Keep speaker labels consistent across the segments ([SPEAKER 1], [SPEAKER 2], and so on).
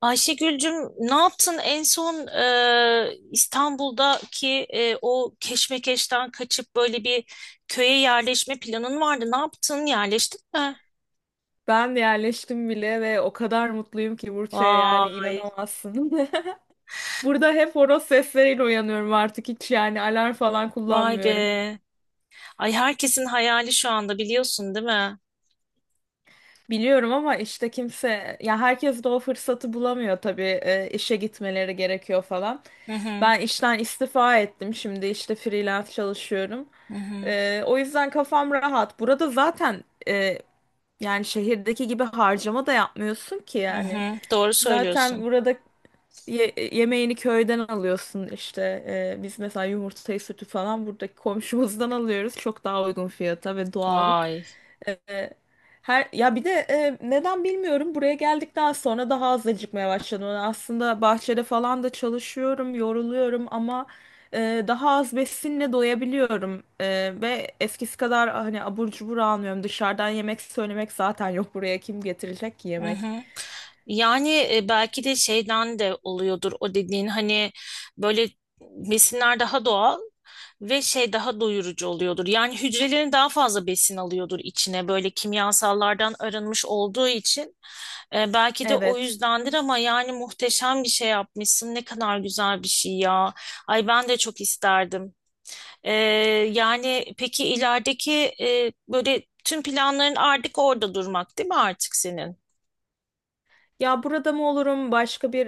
[SPEAKER 1] Ayşegül'cüm ne yaptın en son İstanbul'daki o keşmekeşten kaçıp böyle bir köye yerleşme planın vardı. Ne yaptın? Yerleştin mi?
[SPEAKER 2] Ben yerleştim bile ve o kadar mutluyum ki Burç'e yani
[SPEAKER 1] Vay,
[SPEAKER 2] inanamazsın. Burada hep horoz sesleriyle uyanıyorum artık hiç yani alarm falan
[SPEAKER 1] vay
[SPEAKER 2] kullanmıyorum.
[SPEAKER 1] be. Ay herkesin hayali şu anda biliyorsun değil mi?
[SPEAKER 2] Biliyorum ama işte kimse ya herkes de o fırsatı bulamıyor tabii işe gitmeleri gerekiyor falan.
[SPEAKER 1] Hı hı,
[SPEAKER 2] Ben işten istifa ettim şimdi işte freelance çalışıyorum.
[SPEAKER 1] hı hı,
[SPEAKER 2] O yüzden kafam rahat. Burada zaten yani şehirdeki gibi harcama da yapmıyorsun ki
[SPEAKER 1] hı
[SPEAKER 2] yani.
[SPEAKER 1] hı. Doğru
[SPEAKER 2] Zaten
[SPEAKER 1] söylüyorsun.
[SPEAKER 2] burada yemeğini köyden alıyorsun işte. Biz mesela yumurtayı sütü falan buradaki komşumuzdan alıyoruz. Çok daha uygun fiyata ve doğal.
[SPEAKER 1] Vay.
[SPEAKER 2] Ee, her ya bir de neden bilmiyorum buraya geldikten sonra daha az acıkmaya başladım. Yani aslında bahçede falan da çalışıyorum, yoruluyorum ama daha az besinle doyabiliyorum. Ve eskisi kadar hani abur cubur almıyorum. Dışarıdan yemek söylemek zaten yok buraya kim getirecek ki
[SPEAKER 1] Hı
[SPEAKER 2] yemek?
[SPEAKER 1] hı. Yani belki de şeyden de oluyordur o dediğin hani böyle besinler daha doğal ve şey daha doyurucu oluyordur. Yani hücrelerin daha fazla besin alıyordur içine böyle kimyasallardan arınmış olduğu için. Belki de o
[SPEAKER 2] Evet.
[SPEAKER 1] yüzdendir ama yani muhteşem bir şey yapmışsın. Ne kadar güzel bir şey ya. Ay ben de çok isterdim. E, yani peki ilerideki böyle tüm planların artık orada durmak değil mi artık senin?
[SPEAKER 2] Ya burada mı olurum, başka bir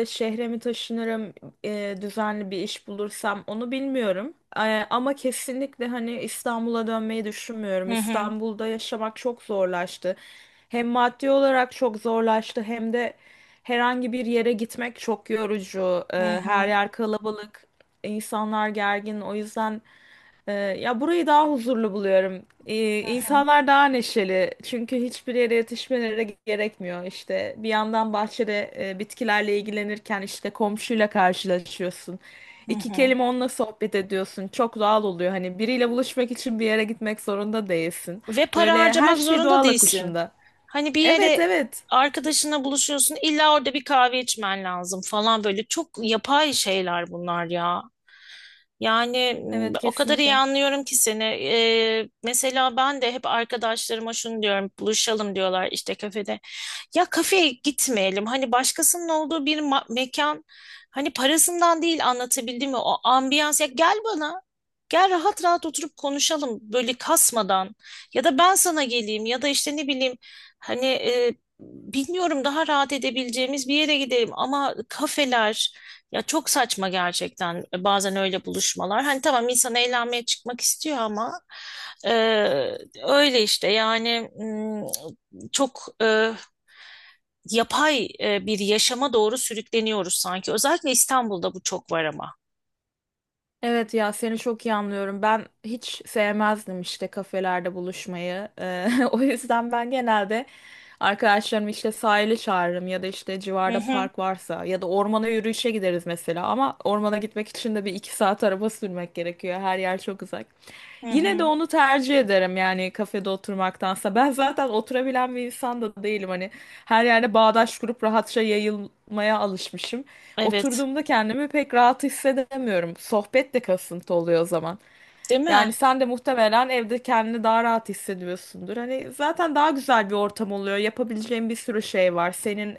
[SPEAKER 2] şehre mi taşınırım, düzenli bir iş bulursam onu bilmiyorum. Ama kesinlikle hani İstanbul'a dönmeyi düşünmüyorum.
[SPEAKER 1] Hı hı.
[SPEAKER 2] İstanbul'da yaşamak çok zorlaştı. Hem maddi olarak çok zorlaştı hem de herhangi bir yere gitmek çok yorucu.
[SPEAKER 1] Hı
[SPEAKER 2] Her
[SPEAKER 1] hı.
[SPEAKER 2] yer kalabalık, insanlar gergin. O yüzden. Ya burayı daha huzurlu buluyorum. İnsanlar daha neşeli. Çünkü hiçbir yere yetişmeleri gerekmiyor. İşte bir yandan bahçede bitkilerle ilgilenirken işte komşuyla karşılaşıyorsun.
[SPEAKER 1] Hı
[SPEAKER 2] İki
[SPEAKER 1] hı.
[SPEAKER 2] kelime onunla sohbet ediyorsun. Çok doğal oluyor. Hani biriyle buluşmak için bir yere gitmek zorunda değilsin.
[SPEAKER 1] Ve para
[SPEAKER 2] Böyle her
[SPEAKER 1] harcamak
[SPEAKER 2] şey
[SPEAKER 1] zorunda
[SPEAKER 2] doğal
[SPEAKER 1] değilsin.
[SPEAKER 2] akışında.
[SPEAKER 1] Hani bir
[SPEAKER 2] Evet,
[SPEAKER 1] yere
[SPEAKER 2] evet.
[SPEAKER 1] arkadaşınla buluşuyorsun, illa orada bir kahve içmen lazım falan böyle çok yapay şeyler bunlar ya. Yani
[SPEAKER 2] Evet,
[SPEAKER 1] o kadar iyi
[SPEAKER 2] kesinlikle.
[SPEAKER 1] anlıyorum ki seni. Mesela ben de hep arkadaşlarıma şunu diyorum, buluşalım diyorlar işte kafede. Ya kafeye gitmeyelim. Hani başkasının olduğu bir mekan. Hani parasından değil anlatabildim mi? O ambiyans. Ya gel bana. Gel rahat rahat oturup konuşalım böyle kasmadan. Ya da ben sana geleyim ya da işte ne bileyim hani bilmiyorum daha rahat edebileceğimiz bir yere gidelim ama kafeler ya çok saçma gerçekten bazen öyle buluşmalar. Hani tamam insan eğlenmeye çıkmak istiyor ama e, öyle işte yani çok yapay bir yaşama doğru sürükleniyoruz sanki. Özellikle İstanbul'da bu çok var ama.
[SPEAKER 2] Evet ya seni çok iyi anlıyorum. Ben hiç sevmezdim işte kafelerde buluşmayı. O yüzden ben genelde arkadaşlarımı işte sahile çağırırım ya da işte
[SPEAKER 1] Hı
[SPEAKER 2] civarda
[SPEAKER 1] hı,
[SPEAKER 2] park varsa ya da ormana yürüyüşe gideriz mesela. Ama ormana gitmek için de bir iki saat araba sürmek gerekiyor. Her yer çok uzak.
[SPEAKER 1] hı
[SPEAKER 2] Yine de
[SPEAKER 1] hı.
[SPEAKER 2] onu tercih ederim yani kafede oturmaktansa. Ben zaten oturabilen bir insan da değilim. Hani her yerde bağdaş kurup rahatça yayılmaya alışmışım.
[SPEAKER 1] Evet,
[SPEAKER 2] Oturduğumda kendimi pek rahat hissedemiyorum. Sohbet de kasıntı oluyor o zaman.
[SPEAKER 1] değil mi?
[SPEAKER 2] Yani sen de muhtemelen evde kendini daha rahat hissediyorsundur. Hani zaten daha güzel bir ortam oluyor. Yapabileceğin bir sürü şey var. Senin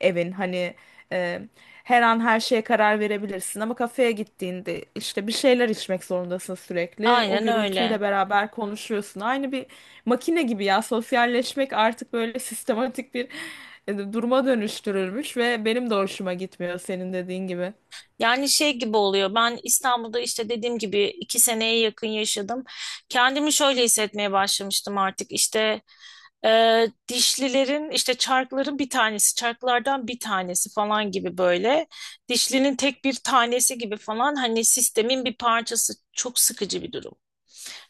[SPEAKER 2] evin hani e, her an her şeye karar verebilirsin ama kafeye gittiğinde işte bir şeyler içmek zorundasın sürekli. O
[SPEAKER 1] Aynen öyle.
[SPEAKER 2] gürültüyle beraber konuşuyorsun. Aynı bir makine gibi ya sosyalleşmek artık böyle sistematik bir duruma dönüştürülmüş ve benim de hoşuma gitmiyor senin dediğin gibi.
[SPEAKER 1] Yani şey gibi oluyor. Ben İstanbul'da işte dediğim gibi iki seneye yakın yaşadım. Kendimi şöyle hissetmeye başlamıştım artık. İşte dişlilerin işte çarkların bir tanesi, çarklardan bir tanesi falan gibi böyle. Dişlinin tek bir tanesi gibi falan hani sistemin bir parçası. Çok sıkıcı bir durum.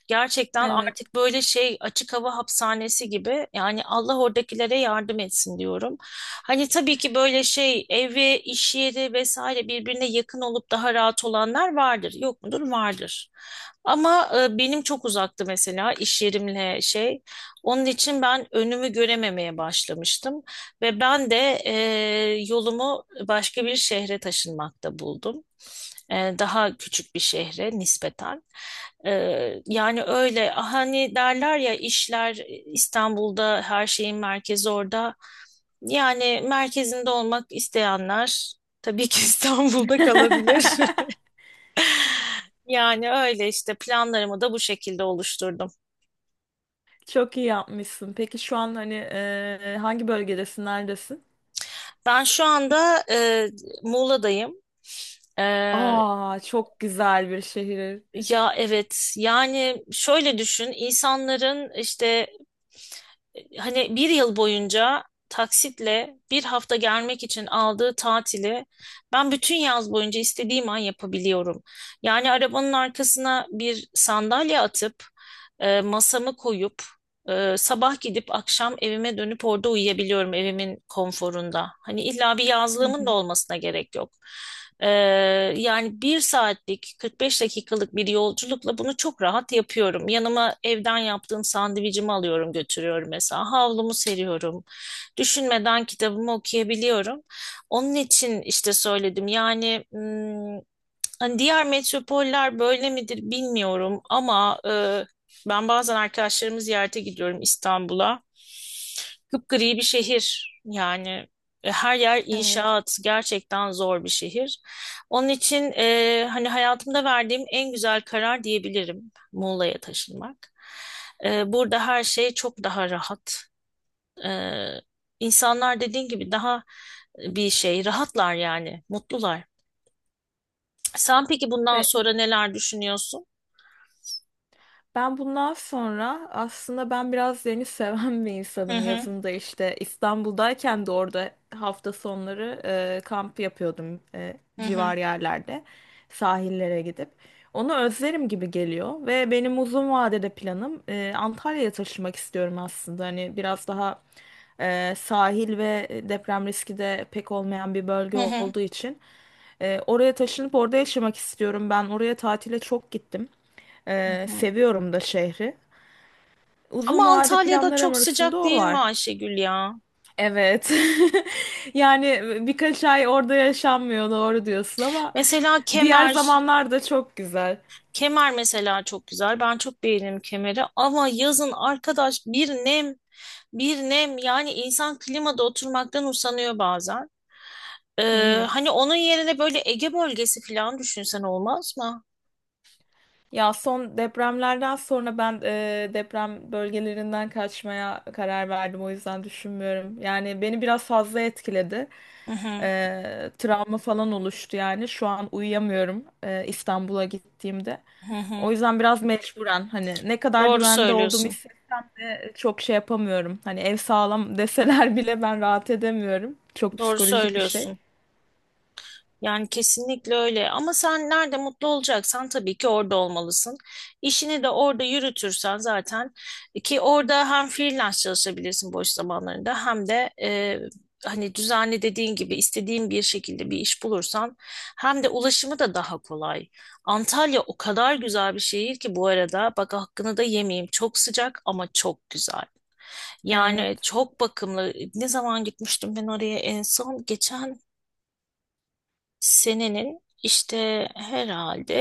[SPEAKER 1] Gerçekten
[SPEAKER 2] Evet.
[SPEAKER 1] artık böyle şey açık hava hapishanesi gibi yani Allah oradakilere yardım etsin diyorum. Hani tabii ki böyle şey evi, iş yeri vesaire birbirine yakın olup daha rahat olanlar vardır. Yok mudur? Vardır. Ama benim çok uzaktı mesela iş yerimle şey. Onun için ben önümü görememeye başlamıştım ve ben de e, yolumu başka bir şehre taşınmakta buldum. Daha küçük bir şehre nispeten. E, yani öyle ah, hani derler ya işler İstanbul'da her şeyin merkezi orada. Yani merkezinde olmak isteyenler tabii ki İstanbul'da kalabilir. Yani öyle işte planlarımı da bu şekilde oluşturdum.
[SPEAKER 2] Çok iyi yapmışsın. Peki şu an hani hangi bölgedesin, neredesin?
[SPEAKER 1] Ben şu anda Muğla'dayım. E,
[SPEAKER 2] Aa, çok güzel bir şehir.
[SPEAKER 1] ya evet yani şöyle düşün insanların işte hani bir yıl boyunca taksitle bir hafta gelmek için aldığı tatili ben bütün yaz boyunca istediğim an yapabiliyorum. Yani arabanın arkasına bir sandalye atıp masamı koyup sabah gidip akşam evime dönüp orada uyuyabiliyorum evimin konforunda. Hani illa bir
[SPEAKER 2] Hı
[SPEAKER 1] yazlığımın da
[SPEAKER 2] hı.
[SPEAKER 1] olmasına gerek yok. Ee, yani bir saatlik 45 dakikalık bir yolculukla bunu çok rahat yapıyorum. Yanıma evden yaptığım sandviçimi alıyorum götürüyorum mesela. Havlumu seriyorum. Düşünmeden kitabımı okuyabiliyorum. Onun için işte söyledim yani hani diğer metropoller böyle midir bilmiyorum ama ben bazen arkadaşlarımı ziyarete gidiyorum İstanbul'a. Kıpgri bir şehir yani her yer
[SPEAKER 2] Evet.
[SPEAKER 1] inşaat gerçekten zor bir şehir. Onun için hani hayatımda verdiğim en güzel karar diyebilirim Muğla'ya taşınmak. Burada her şey çok daha rahat. E, insanlar dediğin gibi daha bir şey rahatlar yani mutlular. Sen peki bundan
[SPEAKER 2] Ve
[SPEAKER 1] sonra neler düşünüyorsun?
[SPEAKER 2] ben bundan sonra aslında ben biraz deniz seven bir
[SPEAKER 1] Hı
[SPEAKER 2] insanım.
[SPEAKER 1] hı,
[SPEAKER 2] Yazın da işte İstanbul'dayken de orada hafta sonları kamp yapıyordum
[SPEAKER 1] hı hı,
[SPEAKER 2] civar yerlerde sahillere gidip. Onu özlerim gibi geliyor ve benim uzun vadede planım Antalya'ya taşınmak istiyorum aslında. Hani biraz daha sahil ve deprem riski de pek olmayan bir bölge
[SPEAKER 1] hı hı,
[SPEAKER 2] olduğu için. Oraya taşınıp orada yaşamak istiyorum. Ben oraya tatile çok gittim.
[SPEAKER 1] hı hı.
[SPEAKER 2] Seviyorum da şehri. Uzun
[SPEAKER 1] Ama
[SPEAKER 2] vade
[SPEAKER 1] Antalya'da
[SPEAKER 2] planlarım
[SPEAKER 1] çok
[SPEAKER 2] arasında
[SPEAKER 1] sıcak
[SPEAKER 2] o
[SPEAKER 1] değil mi
[SPEAKER 2] var.
[SPEAKER 1] Ayşegül ya?
[SPEAKER 2] Evet. Yani birkaç ay orada yaşanmıyor doğru diyorsun ama
[SPEAKER 1] Mesela
[SPEAKER 2] diğer
[SPEAKER 1] Kemer,
[SPEAKER 2] zamanlar da çok güzel.
[SPEAKER 1] Kemer mesela çok güzel. Ben çok beğenirim Kemer'i. Ama yazın arkadaş bir nem, bir nem. Yani insan klimada oturmaktan usanıyor bazen.
[SPEAKER 2] Hı
[SPEAKER 1] Ee,
[SPEAKER 2] hı.
[SPEAKER 1] hani onun yerine böyle Ege bölgesi falan düşünsen olmaz mı?
[SPEAKER 2] Ya son depremlerden sonra ben deprem bölgelerinden kaçmaya karar verdim. O yüzden düşünmüyorum. Yani beni biraz fazla etkiledi.
[SPEAKER 1] Hı hı,
[SPEAKER 2] Travma falan oluştu yani. Şu an uyuyamıyorum İstanbul'a gittiğimde.
[SPEAKER 1] hı
[SPEAKER 2] O
[SPEAKER 1] hı.
[SPEAKER 2] yüzden biraz mecburen hani ne kadar
[SPEAKER 1] Doğru
[SPEAKER 2] güvende olduğumu
[SPEAKER 1] söylüyorsun.
[SPEAKER 2] hissetsem de çok şey yapamıyorum. Hani ev sağlam deseler bile ben rahat edemiyorum. Çok
[SPEAKER 1] Doğru
[SPEAKER 2] psikolojik bir şey.
[SPEAKER 1] söylüyorsun. Yani kesinlikle öyle ama sen nerede mutlu olacaksan tabii ki orada olmalısın. İşini de orada yürütürsen zaten ki orada hem freelance çalışabilirsin boş zamanlarında hem de hani düzenli dediğin gibi istediğin bir şekilde bir iş bulursan hem de ulaşımı da daha kolay. Antalya o kadar güzel bir şehir ki bu arada bak hakkını da yemeyeyim çok sıcak ama çok güzel. Yani
[SPEAKER 2] Evet.
[SPEAKER 1] çok bakımlı ne zaman gitmiştim ben oraya en son geçen senenin işte herhalde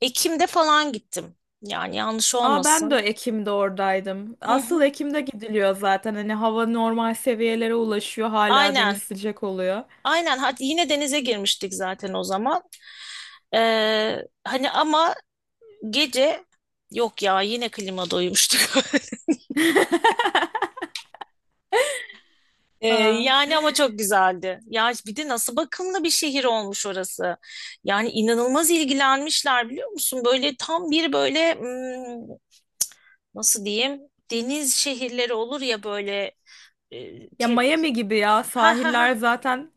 [SPEAKER 1] Ekim'de falan gittim. Yani yanlış
[SPEAKER 2] Aa ben de
[SPEAKER 1] olmasın.
[SPEAKER 2] Ekim'de oradaydım.
[SPEAKER 1] Hı
[SPEAKER 2] Asıl
[SPEAKER 1] hı.
[SPEAKER 2] Ekim'de gidiliyor zaten. Hani hava normal seviyelere ulaşıyor. Hala deniz
[SPEAKER 1] Aynen.
[SPEAKER 2] sıcak oluyor.
[SPEAKER 1] Aynen. Hadi yine denize girmiştik zaten o zaman. Hani ama gece yok ya yine klima doymuştuk. Ee,
[SPEAKER 2] Aa.
[SPEAKER 1] yani ama çok güzeldi. Ya bir de nasıl bakımlı bir şehir olmuş orası. Yani inanılmaz ilgilenmişler biliyor musun? Böyle tam bir böyle nasıl diyeyim? Deniz şehirleri olur ya böyle e,
[SPEAKER 2] Ya
[SPEAKER 1] ke-
[SPEAKER 2] Miami gibi ya.
[SPEAKER 1] ha ha ha
[SPEAKER 2] Sahiller zaten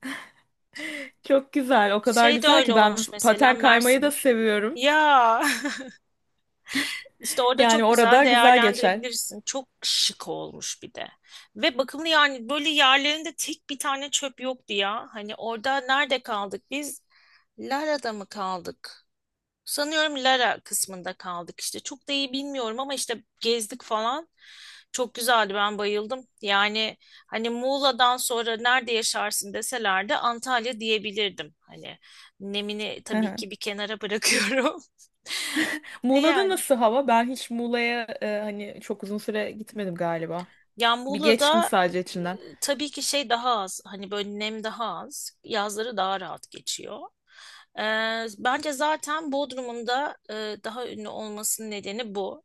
[SPEAKER 2] çok güzel. O kadar
[SPEAKER 1] şey de
[SPEAKER 2] güzel
[SPEAKER 1] öyle
[SPEAKER 2] ki ben
[SPEAKER 1] olmuş mesela
[SPEAKER 2] paten kaymayı da
[SPEAKER 1] Mersin'de.
[SPEAKER 2] seviyorum.
[SPEAKER 1] Ya işte orada
[SPEAKER 2] Yani
[SPEAKER 1] çok
[SPEAKER 2] orada
[SPEAKER 1] güzel
[SPEAKER 2] güzel geçer.
[SPEAKER 1] değerlendirebilirsin. Çok şık olmuş bir de. Ve bakımlı yani böyle yerlerinde tek bir tane çöp yoktu ya. Hani orada nerede kaldık biz? Lara'da mı kaldık? Sanıyorum Lara kısmında kaldık işte. Çok da iyi bilmiyorum ama işte gezdik falan. Çok güzeldi ben bayıldım. Yani hani Muğla'dan sonra nerede yaşarsın deselerdi Antalya diyebilirdim. Hani nemini
[SPEAKER 2] Hı
[SPEAKER 1] tabii
[SPEAKER 2] hı.
[SPEAKER 1] ki bir kenara bırakıyorum.
[SPEAKER 2] Muğla'da
[SPEAKER 1] Yani
[SPEAKER 2] nasıl hava? Ben hiç Muğla'ya hani çok uzun süre gitmedim galiba.
[SPEAKER 1] Yani
[SPEAKER 2] Bir geçtim
[SPEAKER 1] Muğla'da
[SPEAKER 2] sadece içinden.
[SPEAKER 1] tabii ki şey daha az. Hani böyle nem daha az. Yazları daha rahat geçiyor. Bence zaten Bodrum'un da daha ünlü olmasının nedeni bu.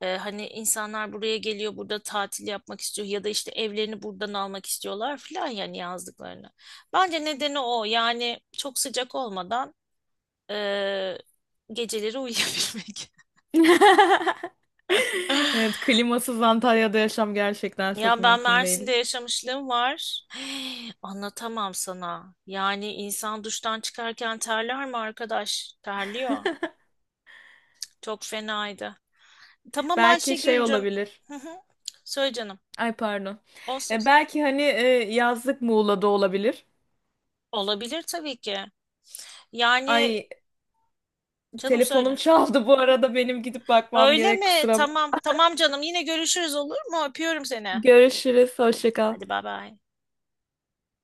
[SPEAKER 1] Hani insanlar buraya geliyor, burada tatil yapmak istiyor ya da işte evlerini buradan almak istiyorlar filan yani yazlıklarını. Bence nedeni o. Yani çok sıcak olmadan e, geceleri uyuyabilmek.
[SPEAKER 2] Evet, klimasız Antalya'da yaşam gerçekten çok
[SPEAKER 1] Ya ben
[SPEAKER 2] mümkün değil.
[SPEAKER 1] Mersin'de yaşamışlığım var. Anlatamam sana. Yani insan duştan çıkarken terler mi arkadaş? Terliyor. Çok fenaydı. Tamam
[SPEAKER 2] Belki şey
[SPEAKER 1] Ayşegül'cüm.
[SPEAKER 2] olabilir.
[SPEAKER 1] Hı hı. Söyle canım.
[SPEAKER 2] Ay pardon.
[SPEAKER 1] Olsun.
[SPEAKER 2] Belki hani yazlık Muğla'da olabilir.
[SPEAKER 1] Olabilir tabii ki. Yani
[SPEAKER 2] Ay
[SPEAKER 1] canım
[SPEAKER 2] telefonum
[SPEAKER 1] söyle.
[SPEAKER 2] çaldı bu arada benim gidip bakmam
[SPEAKER 1] Öyle
[SPEAKER 2] gerek
[SPEAKER 1] mi?
[SPEAKER 2] kusura bakma.
[SPEAKER 1] Tamam. Tamam canım. Yine görüşürüz olur mu? Öpüyorum seni.
[SPEAKER 2] Görüşürüz. Hoşça kal.
[SPEAKER 1] Hadi bay bay.